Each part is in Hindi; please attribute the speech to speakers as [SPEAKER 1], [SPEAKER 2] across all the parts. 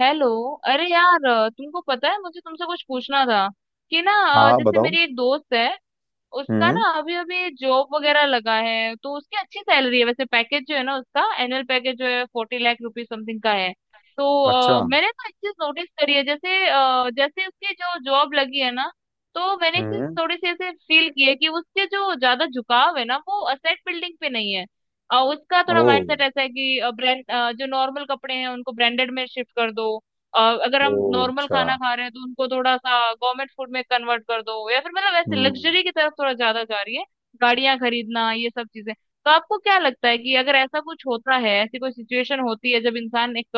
[SPEAKER 1] हेलो। अरे यार, तुमको पता है, मुझे तुमसे कुछ पूछना था कि ना।
[SPEAKER 2] हाँ हाँ
[SPEAKER 1] जैसे
[SPEAKER 2] बताओ।
[SPEAKER 1] मेरी एक दोस्त है। उसका
[SPEAKER 2] हम्म।
[SPEAKER 1] ना अभी अभी जॉब वगैरह लगा है, तो उसकी अच्छी सैलरी है। वैसे पैकेज जो है ना, उसका एनुअल पैकेज जो है 40 लाख रुपीज समथिंग का है। तो
[SPEAKER 2] अच्छा।
[SPEAKER 1] मैंने तो एक चीज नोटिस करी है, जैसे जैसे उसकी जो जॉब लगी है ना, तो मैंने एक चीज
[SPEAKER 2] हम्म।
[SPEAKER 1] थोड़ी सी ऐसे फील की है कि उसके जो ज्यादा झुकाव है ना, वो असेट बिल्डिंग पे नहीं है। उसका थोड़ा
[SPEAKER 2] ओ।
[SPEAKER 1] माइंडसेट ऐसा है कि ब्रांड, जो नॉर्मल कपड़े हैं उनको ब्रांडेड में शिफ्ट कर दो। अ, अगर
[SPEAKER 2] ओ
[SPEAKER 1] हम नॉर्मल
[SPEAKER 2] अच्छा।
[SPEAKER 1] खाना खा रहे हैं तो उनको थोड़ा सा गवर्नमेंट फूड में कन्वर्ट कर दो, या फिर मतलब ऐसे
[SPEAKER 2] हम्म।
[SPEAKER 1] लग्जरी की तरफ थोड़ा ज्यादा जा रही है। गाड़ियां खरीदना, ये सब चीजें। तो आपको क्या लगता है कि अगर ऐसा कुछ होता है, ऐसी कोई सिचुएशन होती है जब इंसान एक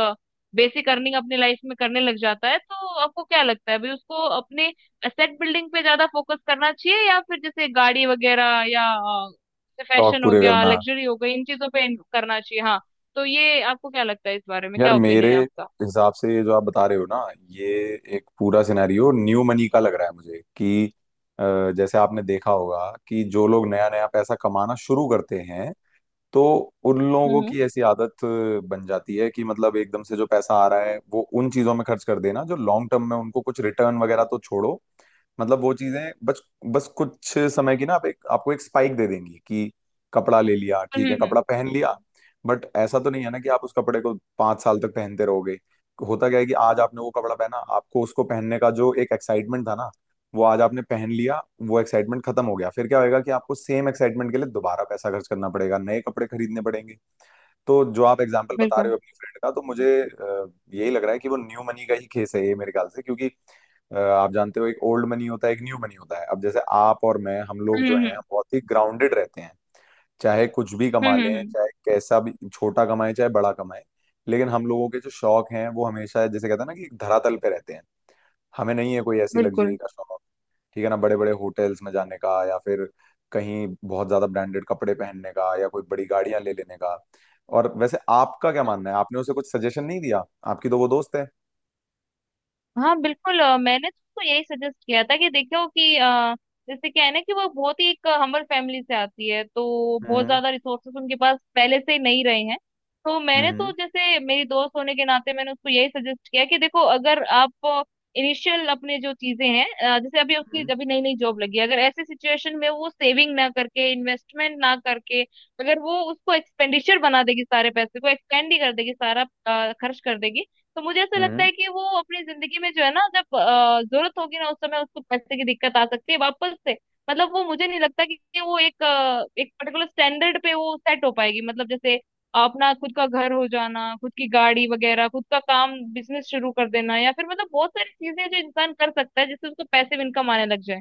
[SPEAKER 1] बेसिक अर्निंग अपनी लाइफ में करने लग जाता है, तो आपको क्या लगता है भाई, उसको अपने एसेट बिल्डिंग पे ज्यादा फोकस करना चाहिए या फिर जैसे गाड़ी वगैरह, या
[SPEAKER 2] शौक
[SPEAKER 1] फैशन हो
[SPEAKER 2] पूरे
[SPEAKER 1] गया,
[SPEAKER 2] करना।
[SPEAKER 1] लग्जरी हो गई, इन चीजों पे करना चाहिए? हाँ। तो ये आपको क्या लगता है, इस बारे में
[SPEAKER 2] यार
[SPEAKER 1] क्या
[SPEAKER 2] मेरे
[SPEAKER 1] ओपिनियन है आपका?
[SPEAKER 2] हिसाब से ये जो आप बता रहे हो ना, ये एक पूरा सिनेरियो न्यू मनी का लग रहा है मुझे कि अ, जैसे आपने देखा होगा कि जो लोग नया नया पैसा कमाना शुरू करते हैं तो उन लोगों
[SPEAKER 1] हम्म।
[SPEAKER 2] की ऐसी आदत बन जाती है कि मतलब एकदम से जो पैसा आ रहा है वो उन चीजों में खर्च कर देना जो लॉन्ग टर्म में उनको कुछ रिटर्न वगैरह तो छोड़ो, मतलब वो चीजें बस बस कुछ समय की ना, आप एक आपको एक स्पाइक दे देंगी कि कपड़ा ले लिया,
[SPEAKER 1] हम्म।
[SPEAKER 2] ठीक है
[SPEAKER 1] हम्म।
[SPEAKER 2] कपड़ा पहन लिया। बट ऐसा तो नहीं है ना कि आप उस कपड़े को 5 साल तक पहनते रहोगे। होता क्या है कि आज आपने वो कपड़ा पहना, आपको उसको पहनने का जो एक एक्साइटमेंट था ना, वो आज आपने पहन लिया, वो एक्साइटमेंट खत्म हो गया। फिर क्या होएगा कि आपको सेम एक्साइटमेंट के लिए दोबारा पैसा खर्च करना पड़ेगा, नए कपड़े खरीदने पड़ेंगे। तो जो आप एग्जाम्पल बता रहे
[SPEAKER 1] बिल्कुल।
[SPEAKER 2] हो अपनी फ्रेंड का, तो मुझे यही लग रहा है कि वो न्यू मनी का ही केस है ये मेरे ख्याल से, क्योंकि आप जानते हो एक ओल्ड मनी होता है एक न्यू मनी होता है। अब जैसे आप और मैं, हम लोग
[SPEAKER 1] हम्म।
[SPEAKER 2] जो हैं, हम
[SPEAKER 1] हम्म।
[SPEAKER 2] बहुत ही ग्राउंडेड रहते हैं, चाहे कुछ भी कमा
[SPEAKER 1] हम्म।
[SPEAKER 2] लें, चाहे कैसा भी छोटा कमाएं चाहे बड़ा कमाएं। लेकिन हम लोगों के जो शौक हैं वो हमेशा, जैसे कहते हैं ना, कि एक धरातल पे रहते हैं। हमें नहीं है कोई ऐसी लग्जरी
[SPEAKER 1] बिल्कुल।
[SPEAKER 2] का शौक। ठीक है ना, बड़े बड़े होटल्स में जाने का, या फिर कहीं बहुत ज्यादा ब्रांडेड कपड़े पहनने का, या कोई बड़ी गाड़ियां ले लेने का। और वैसे आपका क्या मानना है, आपने उसे कुछ सजेशन नहीं दिया? आपकी तो वो दोस्त है।
[SPEAKER 1] हाँ बिल्कुल, मैंने तो उसको यही सजेस्ट किया था कि देखो, कि जैसे क्या है ना, कि वो बहुत ही एक हम्बल फैमिली से आती है, तो बहुत
[SPEAKER 2] हम्म,
[SPEAKER 1] ज्यादा रिसोर्सेस उनके पास पहले से ही नहीं रहे हैं। तो मैंने तो,
[SPEAKER 2] हम्म,
[SPEAKER 1] जैसे मेरी दोस्त होने के नाते, मैंने उसको यही सजेस्ट किया कि देखो, अगर आप इनिशियल अपने जो चीजें हैं, जैसे अभी उसकी
[SPEAKER 2] हम्म,
[SPEAKER 1] अभी नई नई जॉब लगी है, अगर ऐसे सिचुएशन में वो सेविंग ना करके, इन्वेस्टमेंट ना करके, अगर वो उसको एक्सपेंडिचर बना देगी, सारे पैसे को एक्सपेंड ही कर देगी, सारा खर्च कर देगी, तो मुझे ऐसा लगता
[SPEAKER 2] हम्म।
[SPEAKER 1] है कि वो अपनी जिंदगी में जो है ना, जब जरूरत होगी ना, उस समय उसको पैसे की दिक्कत आ सकती है वापस से। मतलब वो मुझे नहीं लगता कि वो एक पर्टिकुलर स्टैंडर्ड पे वो सेट हो पाएगी, मतलब जैसे अपना खुद का घर हो जाना, खुद की गाड़ी वगैरह, खुद का काम, बिजनेस शुरू कर देना, या फिर मतलब बहुत सारी चीजें जो इंसान कर सकता है, जिससे उसको पैसिव इनकम आने लग जाए।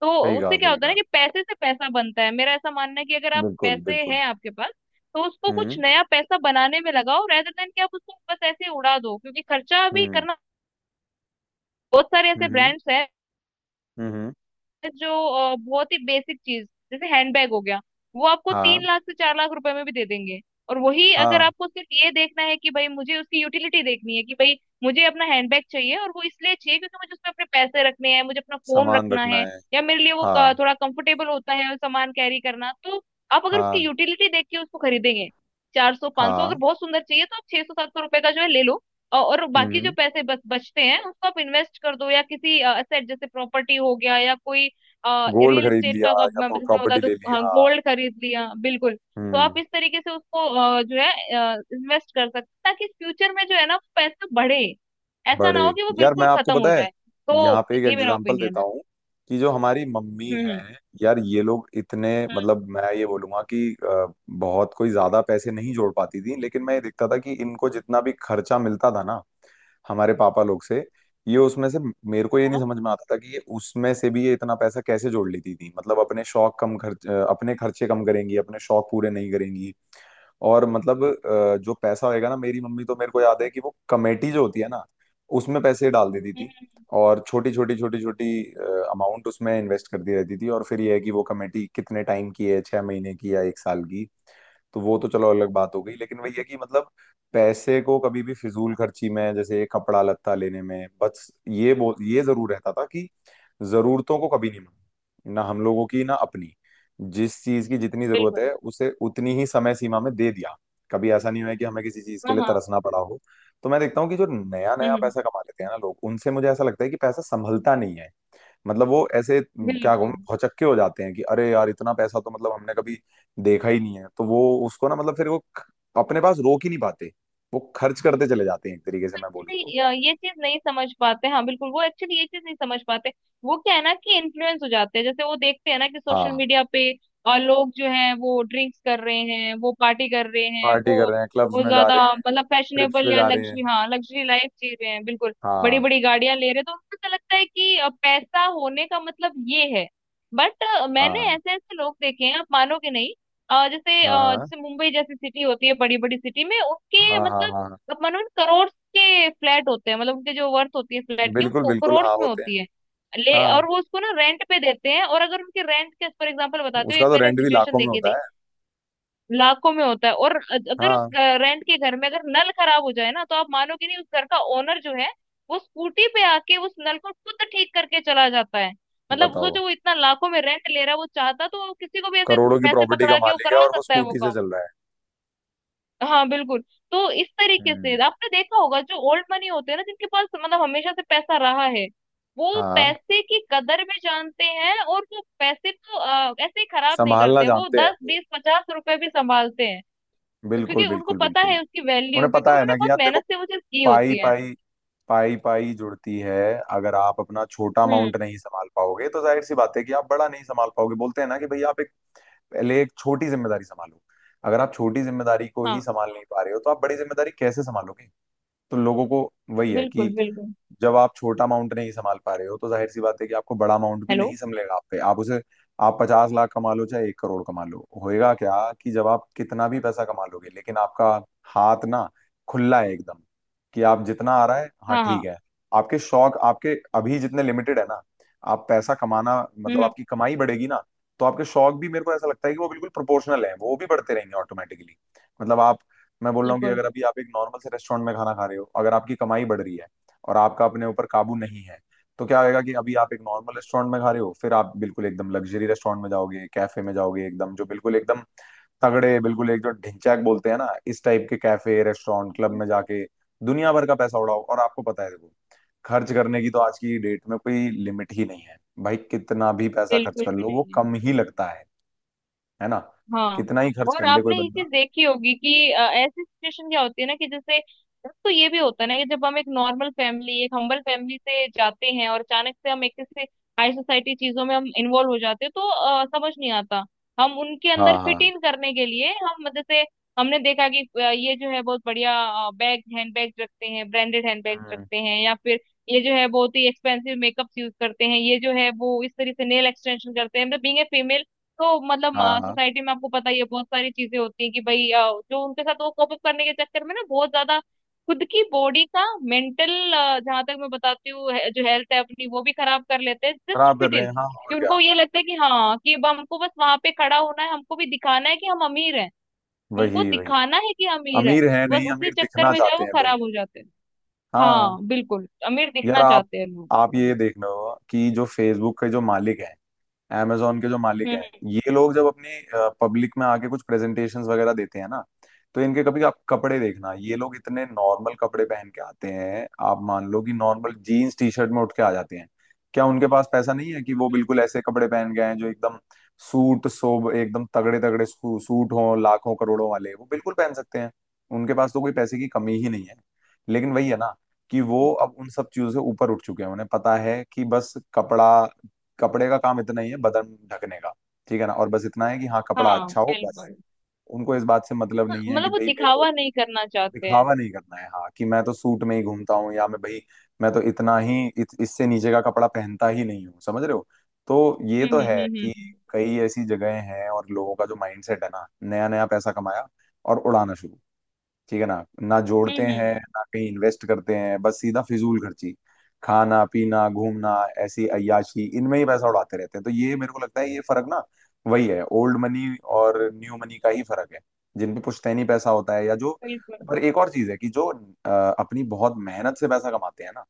[SPEAKER 1] तो
[SPEAKER 2] सही कहा,
[SPEAKER 1] उससे क्या
[SPEAKER 2] सही
[SPEAKER 1] होता है ना,
[SPEAKER 2] कहा।
[SPEAKER 1] कि पैसे से पैसा बनता है। मेरा ऐसा मानना है कि अगर आप
[SPEAKER 2] बिल्कुल,
[SPEAKER 1] पैसे
[SPEAKER 2] बिल्कुल।
[SPEAKER 1] हैं आपके पास, तो उसको कुछ
[SPEAKER 2] हम्म,
[SPEAKER 1] नया पैसा बनाने में लगाओ, रेदर देन कि आप उसको बस ऐसे ही उड़ा दो, क्योंकि खर्चा भी
[SPEAKER 2] हम्म,
[SPEAKER 1] करना। बहुत सारे ऐसे
[SPEAKER 2] हम्म,
[SPEAKER 1] ब्रांड्स हैं
[SPEAKER 2] हम्म।
[SPEAKER 1] जो बहुत ही बेसिक चीज, जैसे हैंडबैग हो गया, वो आपको तीन
[SPEAKER 2] हाँ।
[SPEAKER 1] लाख से 4 लाख रुपए में भी दे देंगे। और वही, अगर
[SPEAKER 2] हाँ,
[SPEAKER 1] आपको सिर्फ ये देखना है कि भाई मुझे उसकी यूटिलिटी देखनी है, कि भाई मुझे अपना हैंडबैग चाहिए, और वो इसलिए चाहिए क्योंकि मुझे उसमें अपने पैसे रखने हैं, मुझे अपना फोन
[SPEAKER 2] सामान
[SPEAKER 1] रखना
[SPEAKER 2] रखना
[SPEAKER 1] है,
[SPEAKER 2] है।
[SPEAKER 1] या मेरे लिए वो
[SPEAKER 2] हाँ।
[SPEAKER 1] थोड़ा कंफर्टेबल होता है और सामान कैरी करना, तो आप अगर उसकी
[SPEAKER 2] हाँ,
[SPEAKER 1] यूटिलिटी देख के उसको खरीदेंगे, 400 500, अगर
[SPEAKER 2] हाँ।
[SPEAKER 1] बहुत सुंदर चाहिए तो आप 600 700 रुपए का जो है ले लो। और बाकी जो
[SPEAKER 2] हम्म।
[SPEAKER 1] पैसे बच बचते हैं उसको आप इन्वेस्ट कर दो, या किसी असेट, जैसे प्रॉपर्टी हो गया या कोई
[SPEAKER 2] गोल्ड
[SPEAKER 1] रियल
[SPEAKER 2] खरीद
[SPEAKER 1] एस्टेट का,
[SPEAKER 2] लिया, या
[SPEAKER 1] मैं जैसे बता
[SPEAKER 2] प्रॉपर्टी
[SPEAKER 1] दूं,
[SPEAKER 2] ले ली,
[SPEAKER 1] हाँ,
[SPEAKER 2] हाँ।
[SPEAKER 1] गोल्ड खरीद लिया, बिल्कुल। तो आप
[SPEAKER 2] हम्म।
[SPEAKER 1] इस तरीके से उसको जो है इन्वेस्ट कर सकते हैं, ताकि फ्यूचर में जो है ना, वो पैसे बढ़े, ऐसा ना हो
[SPEAKER 2] बड़े।
[SPEAKER 1] कि वो
[SPEAKER 2] यार मैं,
[SPEAKER 1] बिल्कुल
[SPEAKER 2] आपको
[SPEAKER 1] खत्म हो
[SPEAKER 2] पता है,
[SPEAKER 1] जाए।
[SPEAKER 2] यहाँ
[SPEAKER 1] तो
[SPEAKER 2] पे एक
[SPEAKER 1] ये मेरा
[SPEAKER 2] एग्जांपल
[SPEAKER 1] ओपिनियन
[SPEAKER 2] देता
[SPEAKER 1] है।
[SPEAKER 2] हूँ, कि जो हमारी मम्मी है,
[SPEAKER 1] हम्म।
[SPEAKER 2] यार ये लोग इतने,
[SPEAKER 1] हम्म।
[SPEAKER 2] मतलब मैं ये बोलूंगा कि बहुत कोई ज्यादा पैसे नहीं जोड़ पाती थी, लेकिन मैं ये देखता था कि इनको जितना भी खर्चा मिलता था ना, हमारे पापा लोग से, ये उसमें से मेरे को ये नहीं
[SPEAKER 1] हाँ,
[SPEAKER 2] समझ में आता था कि ये उसमें से भी ये इतना पैसा कैसे जोड़ लेती थी। मतलब अपने शौक कम खर्च अपने खर्चे कम करेंगी, अपने शौक पूरे नहीं करेंगी, और मतलब जो पैसा होएगा ना, मेरी मम्मी, तो मेरे को याद है कि वो कमेटी जो होती है ना, उसमें पैसे डाल देती थी,
[SPEAKER 1] हम्म,
[SPEAKER 2] और छोटी छोटी अमाउंट उसमें इन्वेस्ट करती रहती थी, और फिर ये है कि वो कमेटी कितने टाइम की है, 6 महीने की या 1 साल की। तो वो तो चलो अलग बात हो गई, लेकिन वही है कि मतलब पैसे को कभी भी फिजूल खर्ची में जैसे कपड़ा लत्ता लेने में, बस ये बो ये जरूर रहता था कि जरूरतों को कभी नहीं माना ना, हम लोगों की ना अपनी। जिस चीज की जितनी जरूरत
[SPEAKER 1] बिल्कुल।
[SPEAKER 2] है उसे उतनी ही समय सीमा में दे दिया। कभी ऐसा नहीं हुआ है कि हमें किसी चीज के
[SPEAKER 1] हाँ।
[SPEAKER 2] लिए
[SPEAKER 1] हाँ।
[SPEAKER 2] तरसना पड़ा हो। तो मैं देखता हूँ कि जो नया नया
[SPEAKER 1] हम्म।
[SPEAKER 2] पैसा कमा लेते हैं ना लोग, उनसे मुझे ऐसा लगता है कि पैसा संभलता नहीं है। मतलब वो ऐसे क्या कहूँ,
[SPEAKER 1] बिल्कुल।
[SPEAKER 2] भौचक्के हो जाते हैं कि अरे यार इतना पैसा तो मतलब हमने कभी देखा ही नहीं है, तो वो उसको ना, मतलब फिर वो अपने पास रोक ही नहीं पाते, वो खर्च करते चले जाते हैं, एक तरीके से मैं बोलूँ तो।
[SPEAKER 1] एक्चुअली ये चीज नहीं समझ पाते। हाँ बिल्कुल, वो एक्चुअली ये चीज नहीं समझ पाते। वो क्या है ना, कि इन्फ्लुएंस हो जाते हैं, जैसे वो देखते हैं ना कि सोशल
[SPEAKER 2] हाँ,
[SPEAKER 1] मीडिया पे लोग जो हैं वो ड्रिंक्स कर रहे हैं, वो पार्टी कर रहे हैं,
[SPEAKER 2] पार्टी
[SPEAKER 1] वो
[SPEAKER 2] कर रहे हैं क्लब्स
[SPEAKER 1] बहुत
[SPEAKER 2] में जा
[SPEAKER 1] ज्यादा
[SPEAKER 2] रहे हैं,
[SPEAKER 1] मतलब
[SPEAKER 2] ट्रिप्स
[SPEAKER 1] फैशनेबल
[SPEAKER 2] पे
[SPEAKER 1] या
[SPEAKER 2] जा रहे हैं।
[SPEAKER 1] लग्जरी, हाँ लग्जरी लाइफ जी रहे हैं, बिल्कुल। बड़ी
[SPEAKER 2] हाँ,
[SPEAKER 1] बड़ी गाड़ियां ले रहे हैं। तो उनको ऐसा लगता है कि पैसा होने का मतलब ये है। बट मैंने
[SPEAKER 2] हाँ,
[SPEAKER 1] ऐसे ऐसे लोग देखे हैं, आप मानोगे नहीं। जैसे
[SPEAKER 2] हाँ, हाँ,
[SPEAKER 1] जैसे मुंबई जैसी सिटी होती है, बड़ी बड़ी सिटी में
[SPEAKER 2] हाँ,
[SPEAKER 1] उसके
[SPEAKER 2] हाँ,
[SPEAKER 1] मतलब,
[SPEAKER 2] हाँ, हाँ।
[SPEAKER 1] अब मानो करोड़ के फ्लैट होते हैं, मतलब उनके जो वर्थ होती है फ्लैट की,
[SPEAKER 2] बिल्कुल
[SPEAKER 1] वो
[SPEAKER 2] बिल्कुल,
[SPEAKER 1] करोड़
[SPEAKER 2] हाँ
[SPEAKER 1] में
[SPEAKER 2] होते हैं।
[SPEAKER 1] होती है। ले,
[SPEAKER 2] हाँ,
[SPEAKER 1] और वो उसको ना रेंट पे देते हैं, और अगर उनके रेंट के, फॉर एग्जांपल बताते हो,
[SPEAKER 2] उसका
[SPEAKER 1] एक
[SPEAKER 2] तो
[SPEAKER 1] मैंने
[SPEAKER 2] रेंट भी
[SPEAKER 1] सिचुएशन
[SPEAKER 2] लाखों में
[SPEAKER 1] देखी
[SPEAKER 2] होता
[SPEAKER 1] थी।
[SPEAKER 2] है।
[SPEAKER 1] लाखों में होता है। और अगर उस
[SPEAKER 2] हाँ
[SPEAKER 1] रेंट के घर में अगर नल खराब हो जाए ना, तो आप मानोगे नहीं, उस घर का ओनर जो है, वो स्कूटी पे आके उस नल को खुद ठीक करके चला जाता है। मतलब
[SPEAKER 2] बताओ।
[SPEAKER 1] सोचो, वो इतना लाखों में रेंट ले रहा है, वो चाहता तो वो किसी को भी ऐसे
[SPEAKER 2] करोड़ों की
[SPEAKER 1] पैसे
[SPEAKER 2] प्रॉपर्टी का
[SPEAKER 1] पकड़ा के वो
[SPEAKER 2] मालिक है
[SPEAKER 1] करवा
[SPEAKER 2] और वो
[SPEAKER 1] सकता है वो
[SPEAKER 2] स्कूटी से
[SPEAKER 1] काम।
[SPEAKER 2] चल रहा है।
[SPEAKER 1] हाँ बिल्कुल। तो इस तरीके से
[SPEAKER 2] हम्म।
[SPEAKER 1] आपने देखा होगा, जो ओल्ड मनी होते हैं ना, जिनके पास मतलब हमेशा से पैसा रहा है, वो
[SPEAKER 2] हाँ,
[SPEAKER 1] पैसे की कदर भी जानते हैं, और वो पैसे को ऐसे ही खराब नहीं
[SPEAKER 2] संभालना
[SPEAKER 1] करते, वो
[SPEAKER 2] जानते हैं
[SPEAKER 1] 10
[SPEAKER 2] वो,
[SPEAKER 1] 20 50 रुपए भी संभालते हैं। तो
[SPEAKER 2] बिल्कुल,
[SPEAKER 1] क्योंकि उनको
[SPEAKER 2] बिल्कुल,
[SPEAKER 1] पता
[SPEAKER 2] बिल्कुल।
[SPEAKER 1] है उसकी वैल्यू,
[SPEAKER 2] उन्हें
[SPEAKER 1] क्योंकि
[SPEAKER 2] पता है
[SPEAKER 1] उन्होंने
[SPEAKER 2] ना कि
[SPEAKER 1] बहुत
[SPEAKER 2] यार देखो,
[SPEAKER 1] मेहनत से वो चीज की
[SPEAKER 2] पाई
[SPEAKER 1] होती है।
[SPEAKER 2] पाई, पाई पाई जुड़ती है। अगर आप अपना छोटा
[SPEAKER 1] हम्म।
[SPEAKER 2] अमाउंट नहीं संभाल पाओगे तो जाहिर सी बात है कि आप बड़ा नहीं संभाल पाओगे। बोलते हैं ना कि भाई आप एक पहले एक छोटी जिम्मेदारी संभालो। अगर आप छोटी जिम्मेदारी को ही
[SPEAKER 1] हाँ
[SPEAKER 2] संभाल नहीं पा रहे हो, तो आप बड़ी जिम्मेदारी कैसे संभालोगे? तो लोगों को, वही है
[SPEAKER 1] बिल्कुल
[SPEAKER 2] कि
[SPEAKER 1] बिल्कुल।
[SPEAKER 2] जब आप छोटा अमाउंट नहीं संभाल पा रहे हो तो जाहिर सी बात है कि आपको बड़ा अमाउंट भी
[SPEAKER 1] हेलो।
[SPEAKER 2] नहीं संभलेगा। आप पे आप उसे, आप 50 लाख कमा लो चाहे 1 करोड़ कमा लो, होएगा क्या कि जब आप कितना भी पैसा कमा लोगे, लेकिन आपका हाथ ना खुला है एकदम, कि आप जितना आ रहा है, हाँ
[SPEAKER 1] हाँ।
[SPEAKER 2] ठीक
[SPEAKER 1] हाँ।
[SPEAKER 2] है, आपके शौक आपके अभी जितने लिमिटेड है ना, आप पैसा कमाना
[SPEAKER 1] हम्म।
[SPEAKER 2] मतलब आपकी कमाई बढ़ेगी ना, तो आपके शौक भी मेरे को ऐसा लगता है कि वो बिल्कुल प्रोपोर्शनल है, वो भी बढ़ते रहेंगे ऑटोमेटिकली। मतलब आप, मैं बोल रहा हूँ कि
[SPEAKER 1] बिल्कुल।
[SPEAKER 2] अगर अभी आप एक नॉर्मल से रेस्टोरेंट में खाना खा रहे हो, अगर आपकी कमाई बढ़ रही है और आपका अपने ऊपर काबू नहीं है, तो क्या होगा कि अभी आप एक नॉर्मल रेस्टोरेंट में खा रहे हो, फिर आप बिल्कुल एकदम लग्जरी रेस्टोरेंट में जाओगे, कैफे में जाओगे, एकदम जो बिल्कुल एकदम तगड़े, बिल्कुल एक जो ढिंचैक बोलते हैं ना, इस टाइप के कैफे रेस्टोरेंट क्लब
[SPEAKER 1] हम्म,
[SPEAKER 2] में जाके दुनिया भर का पैसा उड़ाओ। और आपको पता है देखो, खर्च करने की तो आज की डेट में कोई लिमिट ही नहीं है। भाई कितना भी पैसा खर्च
[SPEAKER 1] बिल्कुल
[SPEAKER 2] कर
[SPEAKER 1] भी
[SPEAKER 2] लो वो
[SPEAKER 1] नहीं है।
[SPEAKER 2] कम ही लगता है। है ना,
[SPEAKER 1] हाँ।
[SPEAKER 2] कितना ही खर्च
[SPEAKER 1] और
[SPEAKER 2] कर ले कोई
[SPEAKER 1] आपने ये
[SPEAKER 2] बंदा।
[SPEAKER 1] चीज देखी होगी कि ऐसी सिचुएशन क्या होती है ना, कि जैसे, एक तो ये भी होता है ना कि जब हम एक नॉर्मल फैमिली, एक हम्बल फैमिली से जाते हैं, और अचानक से हम एक ऐसे हाई सोसाइटी चीजों में हम इन्वॉल्व हो जाते हैं, तो समझ नहीं आता। हम उनके
[SPEAKER 2] हाँ,
[SPEAKER 1] अंदर फिट
[SPEAKER 2] हाँ।
[SPEAKER 1] इन करने के लिए, हम जैसे, हमने देखा कि ये जो है बहुत बढ़िया बैग, हैंड बैग रखते हैं, ब्रांडेड हैंड बैग
[SPEAKER 2] हम्म।
[SPEAKER 1] रखते हैं, या फिर ये जो है बहुत ही एक्सपेंसिव मेकअप्स यूज करते हैं, ये जो है वो इस तरीके से नेल एक्सटेंशन करते हैं, मतलब बीइंग ए फीमेल, तो मतलब
[SPEAKER 2] हाँ, हाँ।
[SPEAKER 1] सोसाइटी में आपको पता ही है, बहुत सारी चीजें होती हैं कि भाई जो उनके साथ वो कोप अप करने के चक्कर में ना, बहुत ज्यादा खुद की बॉडी का, मेंटल, जहां तक मैं बताती हूँ, जो हेल्थ है अपनी, वो भी खराब कर लेते हैं जस्ट
[SPEAKER 2] खराब कर
[SPEAKER 1] फिट
[SPEAKER 2] रहे
[SPEAKER 1] इन,
[SPEAKER 2] हैं, हाँ और
[SPEAKER 1] कि
[SPEAKER 2] क्या।
[SPEAKER 1] उनको ये लगता है कि हाँ, कि अब हमको बस वहां पे खड़ा होना है, हमको भी दिखाना है कि हम अमीर हैं, हमको
[SPEAKER 2] वही, वही,
[SPEAKER 1] दिखाना है कि अमीर है।
[SPEAKER 2] अमीर है
[SPEAKER 1] बस
[SPEAKER 2] नहीं,
[SPEAKER 1] उसी
[SPEAKER 2] अमीर
[SPEAKER 1] चक्कर
[SPEAKER 2] दिखना
[SPEAKER 1] में जो है
[SPEAKER 2] चाहते
[SPEAKER 1] वो
[SPEAKER 2] हैं लोग।
[SPEAKER 1] खराब हो जाते हैं।
[SPEAKER 2] हाँ।
[SPEAKER 1] हाँ बिल्कुल, अमीर
[SPEAKER 2] यार
[SPEAKER 1] दिखना
[SPEAKER 2] आप
[SPEAKER 1] चाहते हैं लोग।
[SPEAKER 2] आप ये देख लो, कि जो फेसबुक के जो मालिक हैं, amazon के जो मालिक
[SPEAKER 1] हम्म।
[SPEAKER 2] हैं, ये लोग जब अपनी पब्लिक में आके कुछ प्रेजेंटेशंस वगैरह देते हैं ना, तो इनके कभी आप कपड़े देखना, ये लोग इतने नॉर्मल कपड़े पहन के आते हैं, आप मान लो कि नॉर्मल जीन्स टी शर्ट में उठ के आ जाते हैं। क्या उनके पास पैसा नहीं है कि वो
[SPEAKER 1] हम्म,
[SPEAKER 2] बिल्कुल ऐसे कपड़े पहन गए हैं? जो एकदम सूट सोब एकदम तगड़े तगड़े सूट हों, लाखों करोड़ों वाले, वो बिल्कुल पहन सकते हैं। उनके पास तो कोई पैसे की कमी ही नहीं है। लेकिन वही है ना कि
[SPEAKER 1] हम्म,
[SPEAKER 2] वो अब उन सब चीजों से ऊपर उठ चुके हैं, उन्हें पता है कि बस कपड़ा, कपड़े का काम इतना ही है, बदन ढकने का। ठीक है ना, और बस इतना है कि हाँ, कपड़ा
[SPEAKER 1] हाँ
[SPEAKER 2] अच्छा हो, बस।
[SPEAKER 1] बिल्कुल।
[SPEAKER 2] उनको इस बात से मतलब
[SPEAKER 1] हाँ,
[SPEAKER 2] नहीं है कि
[SPEAKER 1] मतलब वो
[SPEAKER 2] भाई मेरे को
[SPEAKER 1] दिखावा नहीं करना चाहते हैं।
[SPEAKER 2] दिखावा नहीं करना है, हाँ कि मैं तो सूट में ही घूमता हूँ, या मैं भाई मैं तो इतना ही इससे नीचे का कपड़ा पहनता ही नहीं हूँ, समझ रहे हो? तो ये
[SPEAKER 1] हम्म।
[SPEAKER 2] तो
[SPEAKER 1] हम्म।
[SPEAKER 2] है कि
[SPEAKER 1] हम्म।
[SPEAKER 2] कई ऐसी जगहें हैं और लोगों का जो माइंडसेट है ना, नया नया पैसा कमाया और उड़ाना शुरू। ठीक है ना, ना
[SPEAKER 1] हम्म।
[SPEAKER 2] जोड़ते हैं ना कहीं इन्वेस्ट करते हैं, बस सीधा फिजूल खर्ची, खाना पीना घूमना, ऐसी अय्याशी इनमें ही पैसा उड़ाते रहते हैं। तो ये मेरे को लगता है ये फर्क ना, वही है, ओल्ड मनी और न्यू मनी का ही फर्क है। जिन पे पुश्तैनी पैसा होता है, या जो,
[SPEAKER 1] बिल्कुल।
[SPEAKER 2] पर एक और चीज है कि जो अ, अपनी बहुत मेहनत से पैसा कमाते हैं ना,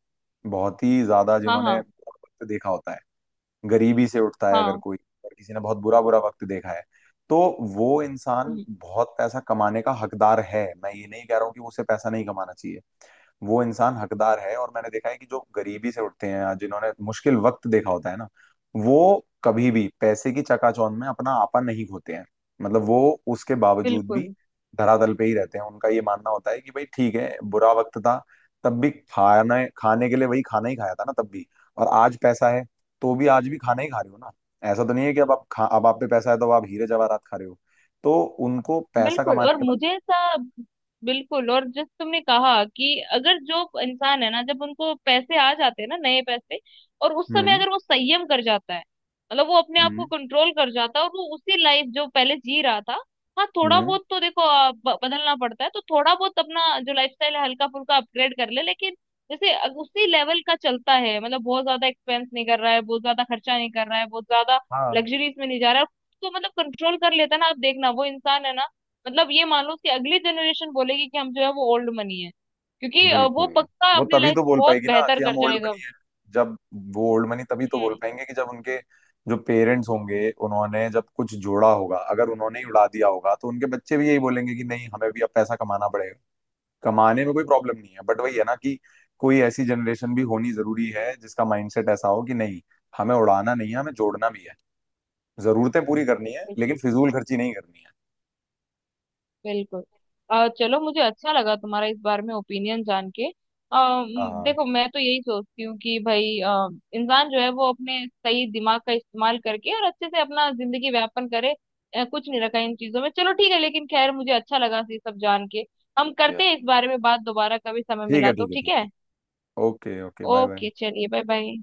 [SPEAKER 2] बहुत ही ज्यादा
[SPEAKER 1] हाँ।
[SPEAKER 2] जिन्होंने
[SPEAKER 1] हाँ।
[SPEAKER 2] बहुत वक्त देखा होता है, गरीबी से उठता है अगर
[SPEAKER 1] हाँ।
[SPEAKER 2] कोई, अगर किसी ने बहुत बुरा बुरा वक्त देखा है, तो वो इंसान
[SPEAKER 1] हम्म,
[SPEAKER 2] बहुत पैसा कमाने का हकदार है, मैं ये नहीं कह रहा हूँ कि उसे पैसा नहीं कमाना चाहिए। वो इंसान हकदार है, और मैंने देखा है कि जो गरीबी से उठते हैं या जिन्होंने मुश्किल वक्त देखा होता है ना, वो कभी भी पैसे की चकाचौंध में अपना आपा नहीं खोते हैं। मतलब वो, उसके बावजूद
[SPEAKER 1] बिल्कुल
[SPEAKER 2] भी, धरातल पे ही रहते हैं। उनका ये मानना होता है कि भाई ठीक है, बुरा वक्त था तब भी खाना खाने के लिए वही खाना ही खाया था ना, तब भी, और आज पैसा है तो भी आज भी खाना ही खा रहे हो ना। ऐसा तो नहीं है कि अब आप खा, अब आप पे पैसा है तो आप हीरे जवाहरात खा रहे हो। तो उनको पैसा
[SPEAKER 1] बिल्कुल।
[SPEAKER 2] कमाने
[SPEAKER 1] और
[SPEAKER 2] के बाद,
[SPEAKER 1] मुझे ऐसा। बिल्कुल, और जिस तुमने कहा कि अगर जो इंसान है ना, जब उनको पैसे आ जाते हैं ना, नए पैसे, और उस समय
[SPEAKER 2] हम्म,
[SPEAKER 1] अगर वो संयम कर जाता है, मतलब वो अपने आप को
[SPEAKER 2] हम्म,
[SPEAKER 1] कंट्रोल कर जाता है, और वो उसी लाइफ जो पहले जी रहा था, हाँ थोड़ा
[SPEAKER 2] हम्म,
[SPEAKER 1] बहुत तो देखो बदलना पड़ता है, तो थोड़ा बहुत अपना जो लाइफस्टाइल है हल्का फुल्का अपग्रेड कर ले, लेकिन जैसे उसी लेवल का चलता है, मतलब बहुत ज्यादा एक्सपेंस नहीं कर रहा है, बहुत ज्यादा खर्चा नहीं कर रहा है, बहुत ज्यादा
[SPEAKER 2] हाँ
[SPEAKER 1] लग्जरीज में नहीं जा रहा है। तो मतलब कंट्रोल कर लेता है ना, आप देखना वो इंसान है ना, मतलब ये मान लो कि अगली जनरेशन बोलेगी कि हम जो है वो ओल्ड मनी है, क्योंकि वो
[SPEAKER 2] बिल्कुल।
[SPEAKER 1] पक्का
[SPEAKER 2] वो
[SPEAKER 1] अपनी
[SPEAKER 2] तभी
[SPEAKER 1] लाइफ
[SPEAKER 2] तो
[SPEAKER 1] में
[SPEAKER 2] बोल
[SPEAKER 1] बहुत
[SPEAKER 2] पाएगी ना
[SPEAKER 1] बेहतर
[SPEAKER 2] कि
[SPEAKER 1] कर
[SPEAKER 2] हम ओल्ड
[SPEAKER 1] जाएगा।
[SPEAKER 2] मनी है, जब वो ओल्ड मनी तभी तो बोल
[SPEAKER 1] हम्म,
[SPEAKER 2] पाएंगे कि जब उनके जो पेरेंट्स होंगे उन्होंने जब कुछ जोड़ा होगा, अगर उन्होंने ही उड़ा दिया होगा तो उनके बच्चे भी यही बोलेंगे कि नहीं, हमें भी अब पैसा कमाना पड़ेगा। कमाने में कोई प्रॉब्लम नहीं है, बट वही है ना कि कोई ऐसी जनरेशन भी होनी जरूरी है जिसका माइंडसेट ऐसा हो कि नहीं, हमें उड़ाना नहीं है, हमें जोड़ना भी है। जरूरतें पूरी करनी है
[SPEAKER 1] बिल्कुल
[SPEAKER 2] लेकिन
[SPEAKER 1] बिल्कुल
[SPEAKER 2] फिजूल खर्ची नहीं करनी है।
[SPEAKER 1] बिल्कुल। चलो, मुझे अच्छा लगा तुम्हारा इस बारे में ओपिनियन जान के। आ,
[SPEAKER 2] हाँ।
[SPEAKER 1] देखो, मैं तो यही सोचती हूँ कि भाई इंसान जो है, वो अपने सही दिमाग का इस्तेमाल करके और अच्छे से अपना जिंदगी व्यापन करे। कुछ नहीं रखा इन चीजों में, चलो ठीक है, लेकिन खैर मुझे अच्छा लगा ये सब जान के। हम
[SPEAKER 2] जी,
[SPEAKER 1] करते हैं इस बारे में बात दोबारा कभी समय
[SPEAKER 2] ठीक है,
[SPEAKER 1] मिला तो,
[SPEAKER 2] ठीक है,
[SPEAKER 1] ठीक
[SPEAKER 2] ठीक
[SPEAKER 1] है।
[SPEAKER 2] है। Okay, okay, bye bye.
[SPEAKER 1] Okay चलिए, बाय बाय।